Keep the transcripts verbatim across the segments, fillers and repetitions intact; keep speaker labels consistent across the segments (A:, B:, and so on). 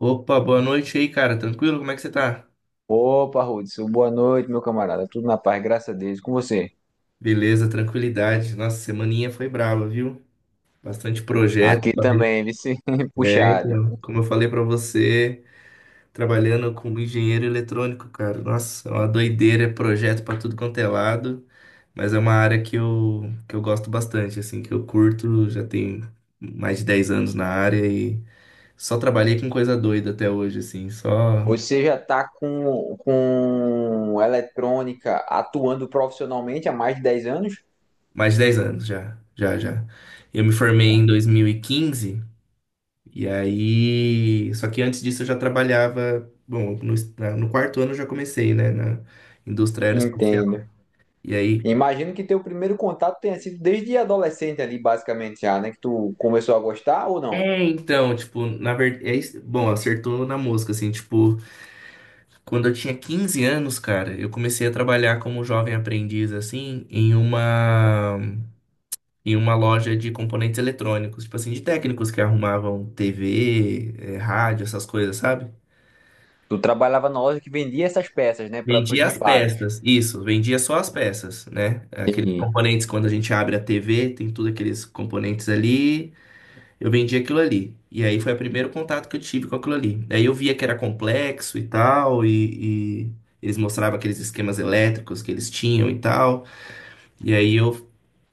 A: Opa, boa noite aí, cara. Tranquilo? Como é que você tá?
B: Opa, Hudson, boa noite, meu camarada. Tudo na paz, graças a Deus. E com você?
A: Beleza, tranquilidade. Nossa, semaninha foi brava, viu? Bastante projeto.
B: Aqui também, vice
A: É,
B: puxado.
A: então, como eu falei pra você, trabalhando como engenheiro eletrônico, cara. Nossa, é uma doideira, é projeto pra tudo quanto é lado. Mas é uma área que eu, que eu gosto bastante, assim, que eu curto. Já tem mais de dez anos na área e só trabalhei com coisa doida até hoje, assim. Só
B: Você já está com, com eletrônica atuando profissionalmente há mais de dez anos?
A: mais de dez anos já, já, já. Eu me formei em dois mil e quinze. E aí, só que antes disso eu já trabalhava, bom, no, na- no quarto ano eu já comecei, né, na indústria aeroespacial.
B: Entendo.
A: E aí,
B: Imagino que teu primeiro contato tenha sido desde adolescente ali, basicamente já, né? Que tu começou a gostar ou não?
A: é, então, tipo, na verdade, é, isso- bom, acertou na mosca, assim, tipo, quando eu tinha quinze anos, cara, eu comecei a trabalhar como jovem aprendiz, assim, em uma, em uma loja de componentes eletrônicos, tipo assim, de técnicos que arrumavam T V, eh, rádio, essas coisas, sabe?
B: Tu trabalhava na loja que vendia essas peças, né, para os
A: Vendia as
B: reparos.
A: peças, isso, vendia só as peças, né? Aqueles
B: Entendi.
A: componentes, quando a gente abre a T V, tem tudo aqueles componentes ali, eu vendia aquilo ali. E aí foi o primeiro contato que eu tive com aquilo ali. Aí eu via que era complexo e tal, e, e eles mostravam aqueles esquemas elétricos que eles tinham e tal. E aí eu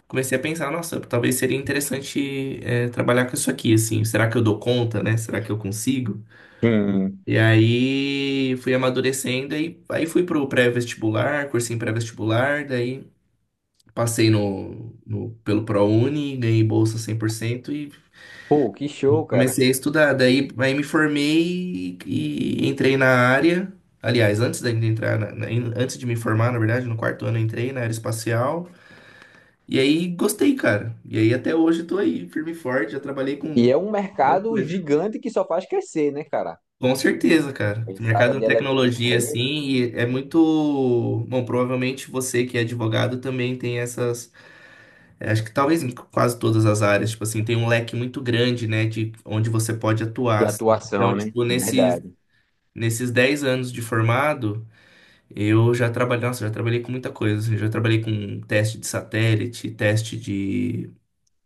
A: comecei a pensar, nossa, talvez seria interessante, é, trabalhar com isso aqui, assim, será que eu dou conta, né? Será que eu consigo?
B: Sim.
A: E aí fui amadurecendo e aí fui pro pré-vestibular, cursinho pré-vestibular, daí passei no, no pelo ProUni, ganhei bolsa cem por cento e
B: Pô, que show, cara.
A: comecei a estudar. Daí aí me formei e, e entrei na área. Aliás, antes de entrar na- na- antes de me formar, na verdade, no quarto ano eu entrei na área espacial. E aí gostei, cara. E aí até hoje eu tô aí, firme e forte, já trabalhei com
B: E
A: um
B: é um
A: monte de
B: mercado
A: coisa.
B: gigante que só faz crescer, né, cara?
A: Com certeza, cara. O
B: Essa área
A: mercado de
B: de eletrônica
A: tecnologia, assim,
B: aí,
A: e é muito. Bom, provavelmente você que é advogado também tem essas. é, Acho que talvez em quase todas as áreas, tipo assim, tem um leque muito grande, né, de onde você pode atuar,
B: de
A: assim.
B: atuação,
A: Então,
B: né?
A: tipo, nesses,
B: Verdade.
A: nesses dez anos de formado, eu já trabalhei. Nossa, já trabalhei com muita coisa, assim, já trabalhei com teste de satélite, teste de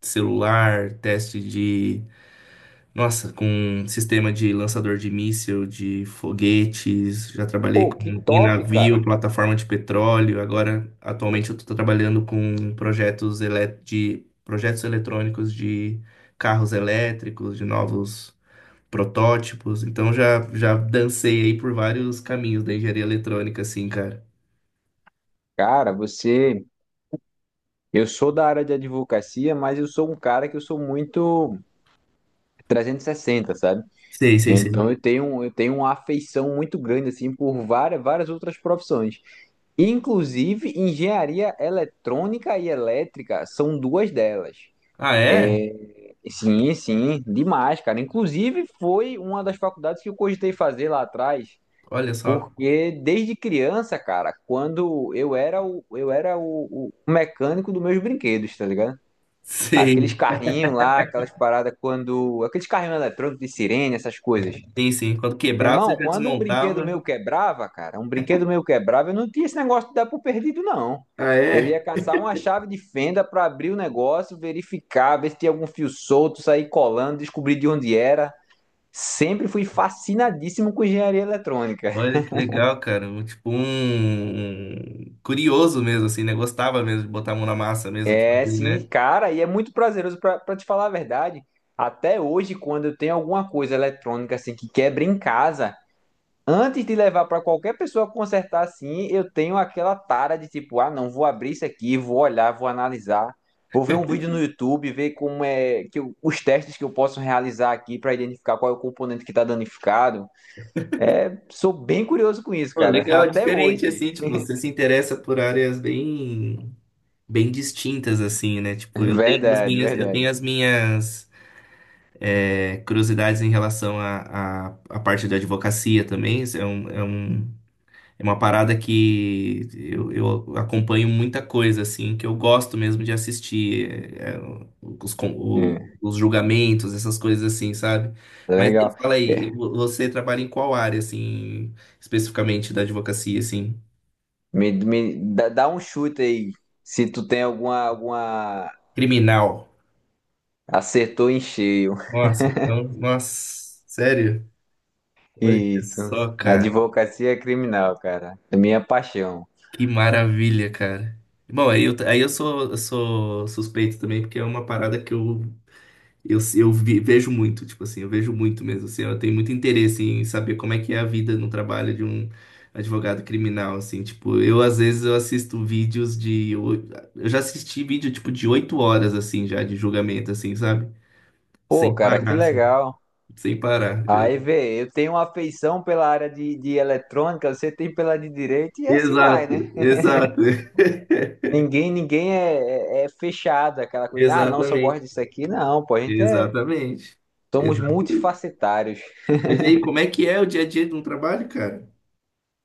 A: celular, teste de nossa, com sistema de lançador de míssil, de foguetes, já trabalhei
B: Pô, que
A: com, em
B: top,
A: navio,
B: cara.
A: plataforma de petróleo. Agora, atualmente, eu estou trabalhando com projetos ele- de projetos eletrônicos de carros elétricos, de novos protótipos. Então, já, já dancei aí por vários caminhos da engenharia eletrônica, assim, cara.
B: Cara, você. Eu sou da área de advocacia, mas eu sou um cara que eu sou muito trezentos e sessenta, sabe?
A: Sei, sei, sei.
B: Então eu tenho, eu tenho uma afeição muito grande, assim, por várias, várias outras profissões. Inclusive, engenharia eletrônica e elétrica são duas delas.
A: Ah, é?
B: Sim, sim, demais, cara. Inclusive, foi uma das faculdades que eu cogitei fazer lá atrás.
A: Olha só.
B: Porque desde criança, cara, quando eu era o, eu era o, o mecânico dos meus brinquedos, tá ligado? Aqueles
A: Sei.
B: carrinhos lá, aquelas paradas quando. Aqueles carrinhos eletrônicos de sirene, essas coisas.
A: Sim, sim. Quando
B: Meu
A: quebrava, você
B: irmão,
A: já
B: quando um brinquedo
A: desmontava.
B: meu quebrava, cara, um brinquedo meu quebrava, eu não tinha esse negócio de dar por perdido, não.
A: Ah,
B: Eu
A: é?
B: ia caçar uma chave de fenda pra abrir o negócio, verificar, ver se tinha algum fio solto, sair colando, descobrir de onde era. Sempre fui fascinadíssimo com engenharia eletrônica.
A: Olha que legal, cara. Um- Tipo um, um curioso mesmo, assim, né? Gostava mesmo de botar a mão na massa mesmo, tipo, de
B: É
A: fazer,
B: sim,
A: né?
B: cara, e é muito prazeroso pra pra te falar a verdade. Até hoje, quando eu tenho alguma coisa eletrônica assim que quebra em casa, antes de levar pra qualquer pessoa consertar assim, eu tenho aquela tara de tipo, ah, não, vou abrir isso aqui, vou olhar, vou analisar, vou ver um vídeo no YouTube, ver como é que eu- os testes que eu posso realizar aqui pra identificar qual é o componente que tá danificado. É, sou bem curioso com isso,
A: Pô,
B: cara,
A: legal, é
B: até
A: diferente,
B: hoje.
A: assim, tipo, você se interessa por áreas bem, bem distintas, assim, né? Tipo, eu tenho as
B: Verdade,
A: minhas, eu
B: verdade.
A: tenho as minhas é, curiosidades em relação à à à parte da advocacia também. Isso É um, é um, é uma parada que eu, eu acompanho muita coisa, assim, que eu gosto mesmo de assistir. é, é, os, con- o-
B: É,
A: os julgamentos, essas coisas assim, sabe? Mas me
B: legal.
A: fala aí, vo- você trabalha em qual área, assim, especificamente da advocacia, assim?
B: Me, me dá, dá um chute aí. Se tu tem alguma, alguma.
A: Criminal.
B: Acertou em cheio.
A: Nossa, então, nossa, sério? Olha
B: Isso.
A: só, cara.
B: Advocacia criminal, cara. É minha paixão.
A: Que maravilha, cara. Bom, aí eu, aí eu sou, eu sou suspeito também, porque é uma parada que eu Eu, eu vi- vejo muito, tipo assim, eu vejo muito mesmo, assim, eu tenho muito interesse em saber como é que é a vida no trabalho de um advogado criminal, assim, tipo, eu às vezes eu assisto vídeos de, oi- eu já assisti vídeo, tipo, de oito horas, assim, já, de julgamento, assim, sabe?
B: Pô,
A: Sem
B: cara, que
A: parar, assim,
B: legal.
A: sem parar.
B: Aí
A: Eu-
B: vê, eu tenho uma afeição pela área de, de eletrônica, você tem pela de direito e assim vai,
A: Exato,
B: né?
A: exato,
B: Ninguém, ninguém é, é, é fechado, aquela coisa, ah, não, só gosto
A: exatamente,
B: disso aqui. Não, pô, a gente é.
A: exatamente.
B: Somos
A: Exatamente.
B: multifacetários.
A: Mas e aí, como é que é o dia a dia de um trabalho, cara?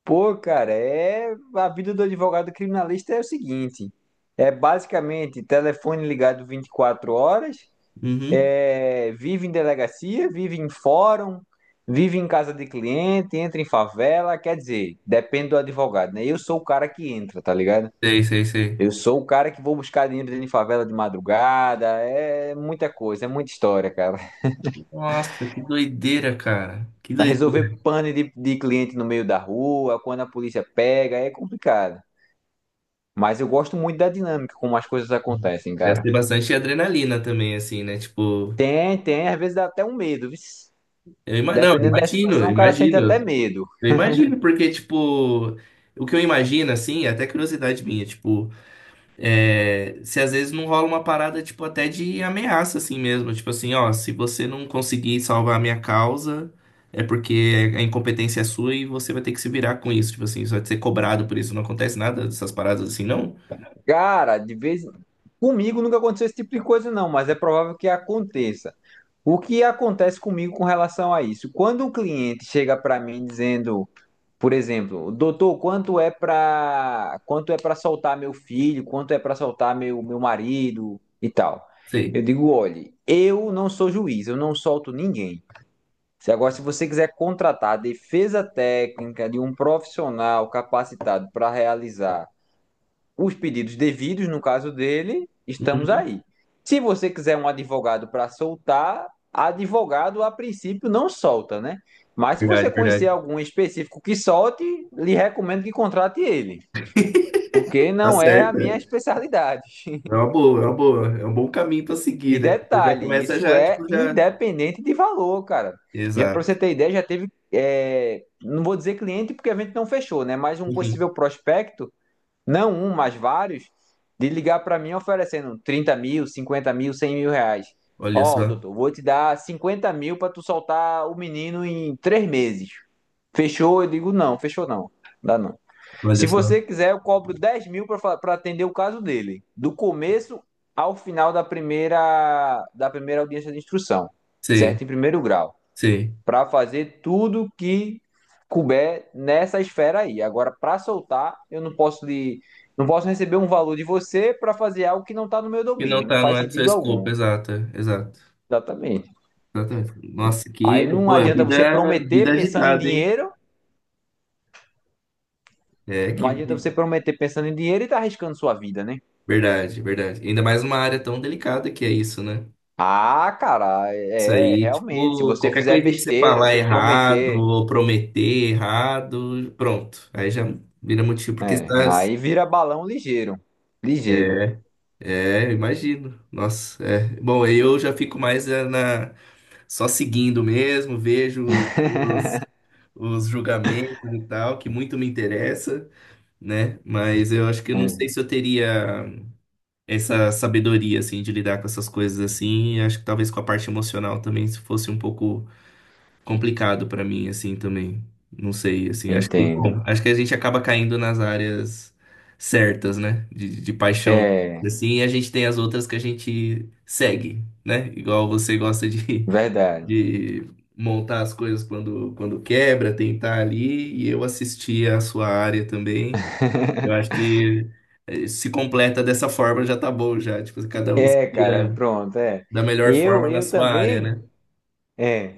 B: Pô, cara, é a vida do advogado criminalista é o seguinte: é basicamente telefone ligado vinte e quatro horas,
A: Uhum.
B: é, vive em delegacia, vive em fórum, vive em casa de cliente, entra em favela, quer dizer, depende do advogado, né? Eu sou o cara que entra, tá ligado?
A: Sei, sei, sei.
B: Eu sou o cara que vou buscar dinheiro dentro de favela de madrugada, é muita coisa, é muita história, cara.
A: Nossa, que doideira, cara. Que
B: Vai
A: doideira.
B: resolver pane de, de cliente no meio da rua, quando a polícia pega, é complicado. Mas eu gosto muito da dinâmica como as coisas acontecem,
A: Deve
B: cara.
A: ter bastante adrenalina também, assim, né? Tipo,
B: Tem, tem, às vezes dá até um medo, vixe.
A: eu ima... não, eu
B: Dependendo da
A: imagino,
B: situação,
A: eu
B: o cara sente
A: imagino,
B: até medo.
A: eu imagino, porque, tipo, o que eu imagino, assim, é até curiosidade minha, tipo, é, se às vezes não rola uma parada, tipo, até de ameaça, assim mesmo, tipo assim, ó, se você não conseguir salvar a minha causa, é porque a incompetência é sua e você vai ter que se virar com isso, tipo assim, você vai ser cobrado por isso, não acontece nada dessas paradas assim, não?
B: Cara, de vez comigo nunca aconteceu esse tipo de coisa não, mas é provável que aconteça. O que acontece comigo com relação a isso? Quando o cliente chega para mim dizendo, por exemplo, doutor, quanto é para quanto é para soltar meu filho, quanto é para soltar meu meu marido e tal. Eu
A: Sei.
B: digo, olhe, eu não sou juiz, eu não solto ninguém. Se agora, se você quiser contratar a defesa técnica de um profissional capacitado para realizar os pedidos devidos, no caso dele, estamos
A: Uhum.
B: aí. Se você quiser um advogado para soltar, advogado a princípio não solta, né? Mas se
A: Verdade,
B: você conhecer
A: verdade.
B: algum específico que solte, lhe recomendo que contrate ele, porque
A: Tá
B: não é a minha
A: certo.
B: especialidade.
A: É uma boa, é uma boa. É um bom caminho para
B: E
A: seguir, né? Você já
B: detalhe,
A: começa
B: isso
A: já,
B: é
A: tipo, já.
B: independente de valor, cara. Já para você
A: Exato.
B: ter ideia, já teve, é, não vou dizer cliente porque a gente não fechou, né? Mas um
A: Enfim,
B: possível prospecto, não um, mas vários, de ligar para mim oferecendo trinta mil, cinquenta mil, cem mil reais.
A: olha
B: Ó,
A: só,
B: doutor, vou te dar cinquenta mil para tu soltar o menino em três meses. Fechou? Eu digo, não, fechou não. Dá não.
A: olha
B: Se
A: só.
B: você quiser, eu cobro dez mil para atender o caso dele, do começo ao final da primeira, da primeira audiência de instrução,
A: Sei,
B: certo? Em primeiro grau,
A: sei.
B: para fazer tudo que couber nessa esfera aí. Agora, para soltar, eu não posso de, não posso receber um valor de você para fazer algo que não está no meu
A: Que não
B: domínio, não
A: tá, não
B: faz
A: é do seu
B: sentido
A: escopo,
B: algum.
A: exato, é, exato.
B: Exatamente.
A: Exatamente. Nossa, que.
B: Aí não
A: Pô, é
B: adianta você
A: vida, vida
B: prometer pensando em
A: agitada, hein?
B: dinheiro,
A: É
B: não
A: que.
B: adianta você
A: vi-
B: prometer pensando em dinheiro e tá arriscando sua vida, né?
A: Verdade, verdade. Ainda mais uma área tão delicada que é isso, né?
B: Ah, cara,
A: Isso
B: é, é,
A: aí,
B: realmente, se
A: tipo,
B: você
A: qualquer
B: fizer
A: coisinha que você
B: besteira,
A: falar
B: você
A: errado,
B: prometer,
A: ou prometer errado, pronto. Aí já vira motivo, porque você
B: é,
A: tá.
B: aí vira balão ligeiro, ligeiro.
A: É, eu imagino. Nossa, é. Bom, aí eu já fico mais é, na só seguindo mesmo, vejo os, os, os julgamentos e tal, que muito me interessa, né? Mas eu acho que eu não
B: É,
A: sei se eu teria essa sabedoria assim de lidar com essas coisas assim. Acho que talvez com a parte emocional também, se fosse um pouco complicado pra mim, assim, também. Não sei, assim, acho que,
B: entendo.
A: bom, acho que a gente acaba caindo nas áreas certas, né? De, de paixão,
B: É,
A: assim, e a gente tem as outras que a gente segue, né? Igual você gosta de,
B: verdade.
A: de montar as coisas quando, quando quebra, tentar ali, e eu assisti a sua área também. Eu acho que eh, se completa dessa forma já tá bom, já. Tipo, cada um se
B: É, cara,
A: vira
B: pronto, é.
A: da melhor
B: Eu,
A: forma na
B: eu
A: sua área,
B: também,
A: né?
B: é,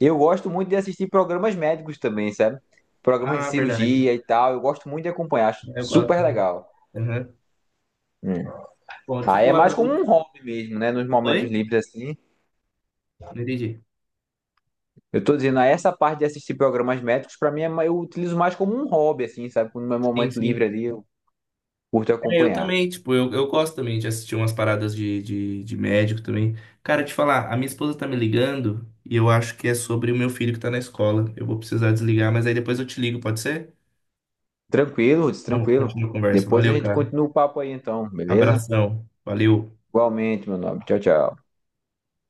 B: eu gosto muito de assistir programas médicos também, sabe? Programas de
A: Ah, verdade.
B: cirurgia e tal, eu gosto muito de acompanhar, acho
A: Eu gosto.
B: super
A: muito.
B: legal.
A: Aham.
B: Hum.
A: Bom, deixa eu
B: Aí é
A: falar
B: mais
A: pra
B: como
A: você.
B: um hobby mesmo, né? Nos momentos
A: Oi?
B: livres assim.
A: Não entendi.
B: Eu tô dizendo, ah, essa parte de assistir programas médicos, pra mim, é ma- eu utilizo mais como um hobby, assim, sabe? No meu
A: Sim,
B: momento livre
A: sim.
B: ali, eu curto
A: É, eu
B: acompanhar.
A: também, tipo, eu, eu gosto também de assistir umas paradas de, de, de médico também. Cara, te falar, a minha esposa tá me ligando e eu acho que é sobre o meu filho que tá na escola. Eu vou precisar desligar, mas aí depois eu te ligo, pode ser?
B: Tranquilo, Ruth,
A: Bom,
B: tranquilo.
A: continua a conversa.
B: Depois a
A: Valeu,
B: gente
A: cara.
B: continua o papo aí, então, beleza?
A: Abração. Valeu.
B: Igualmente, meu nome. Tchau, tchau.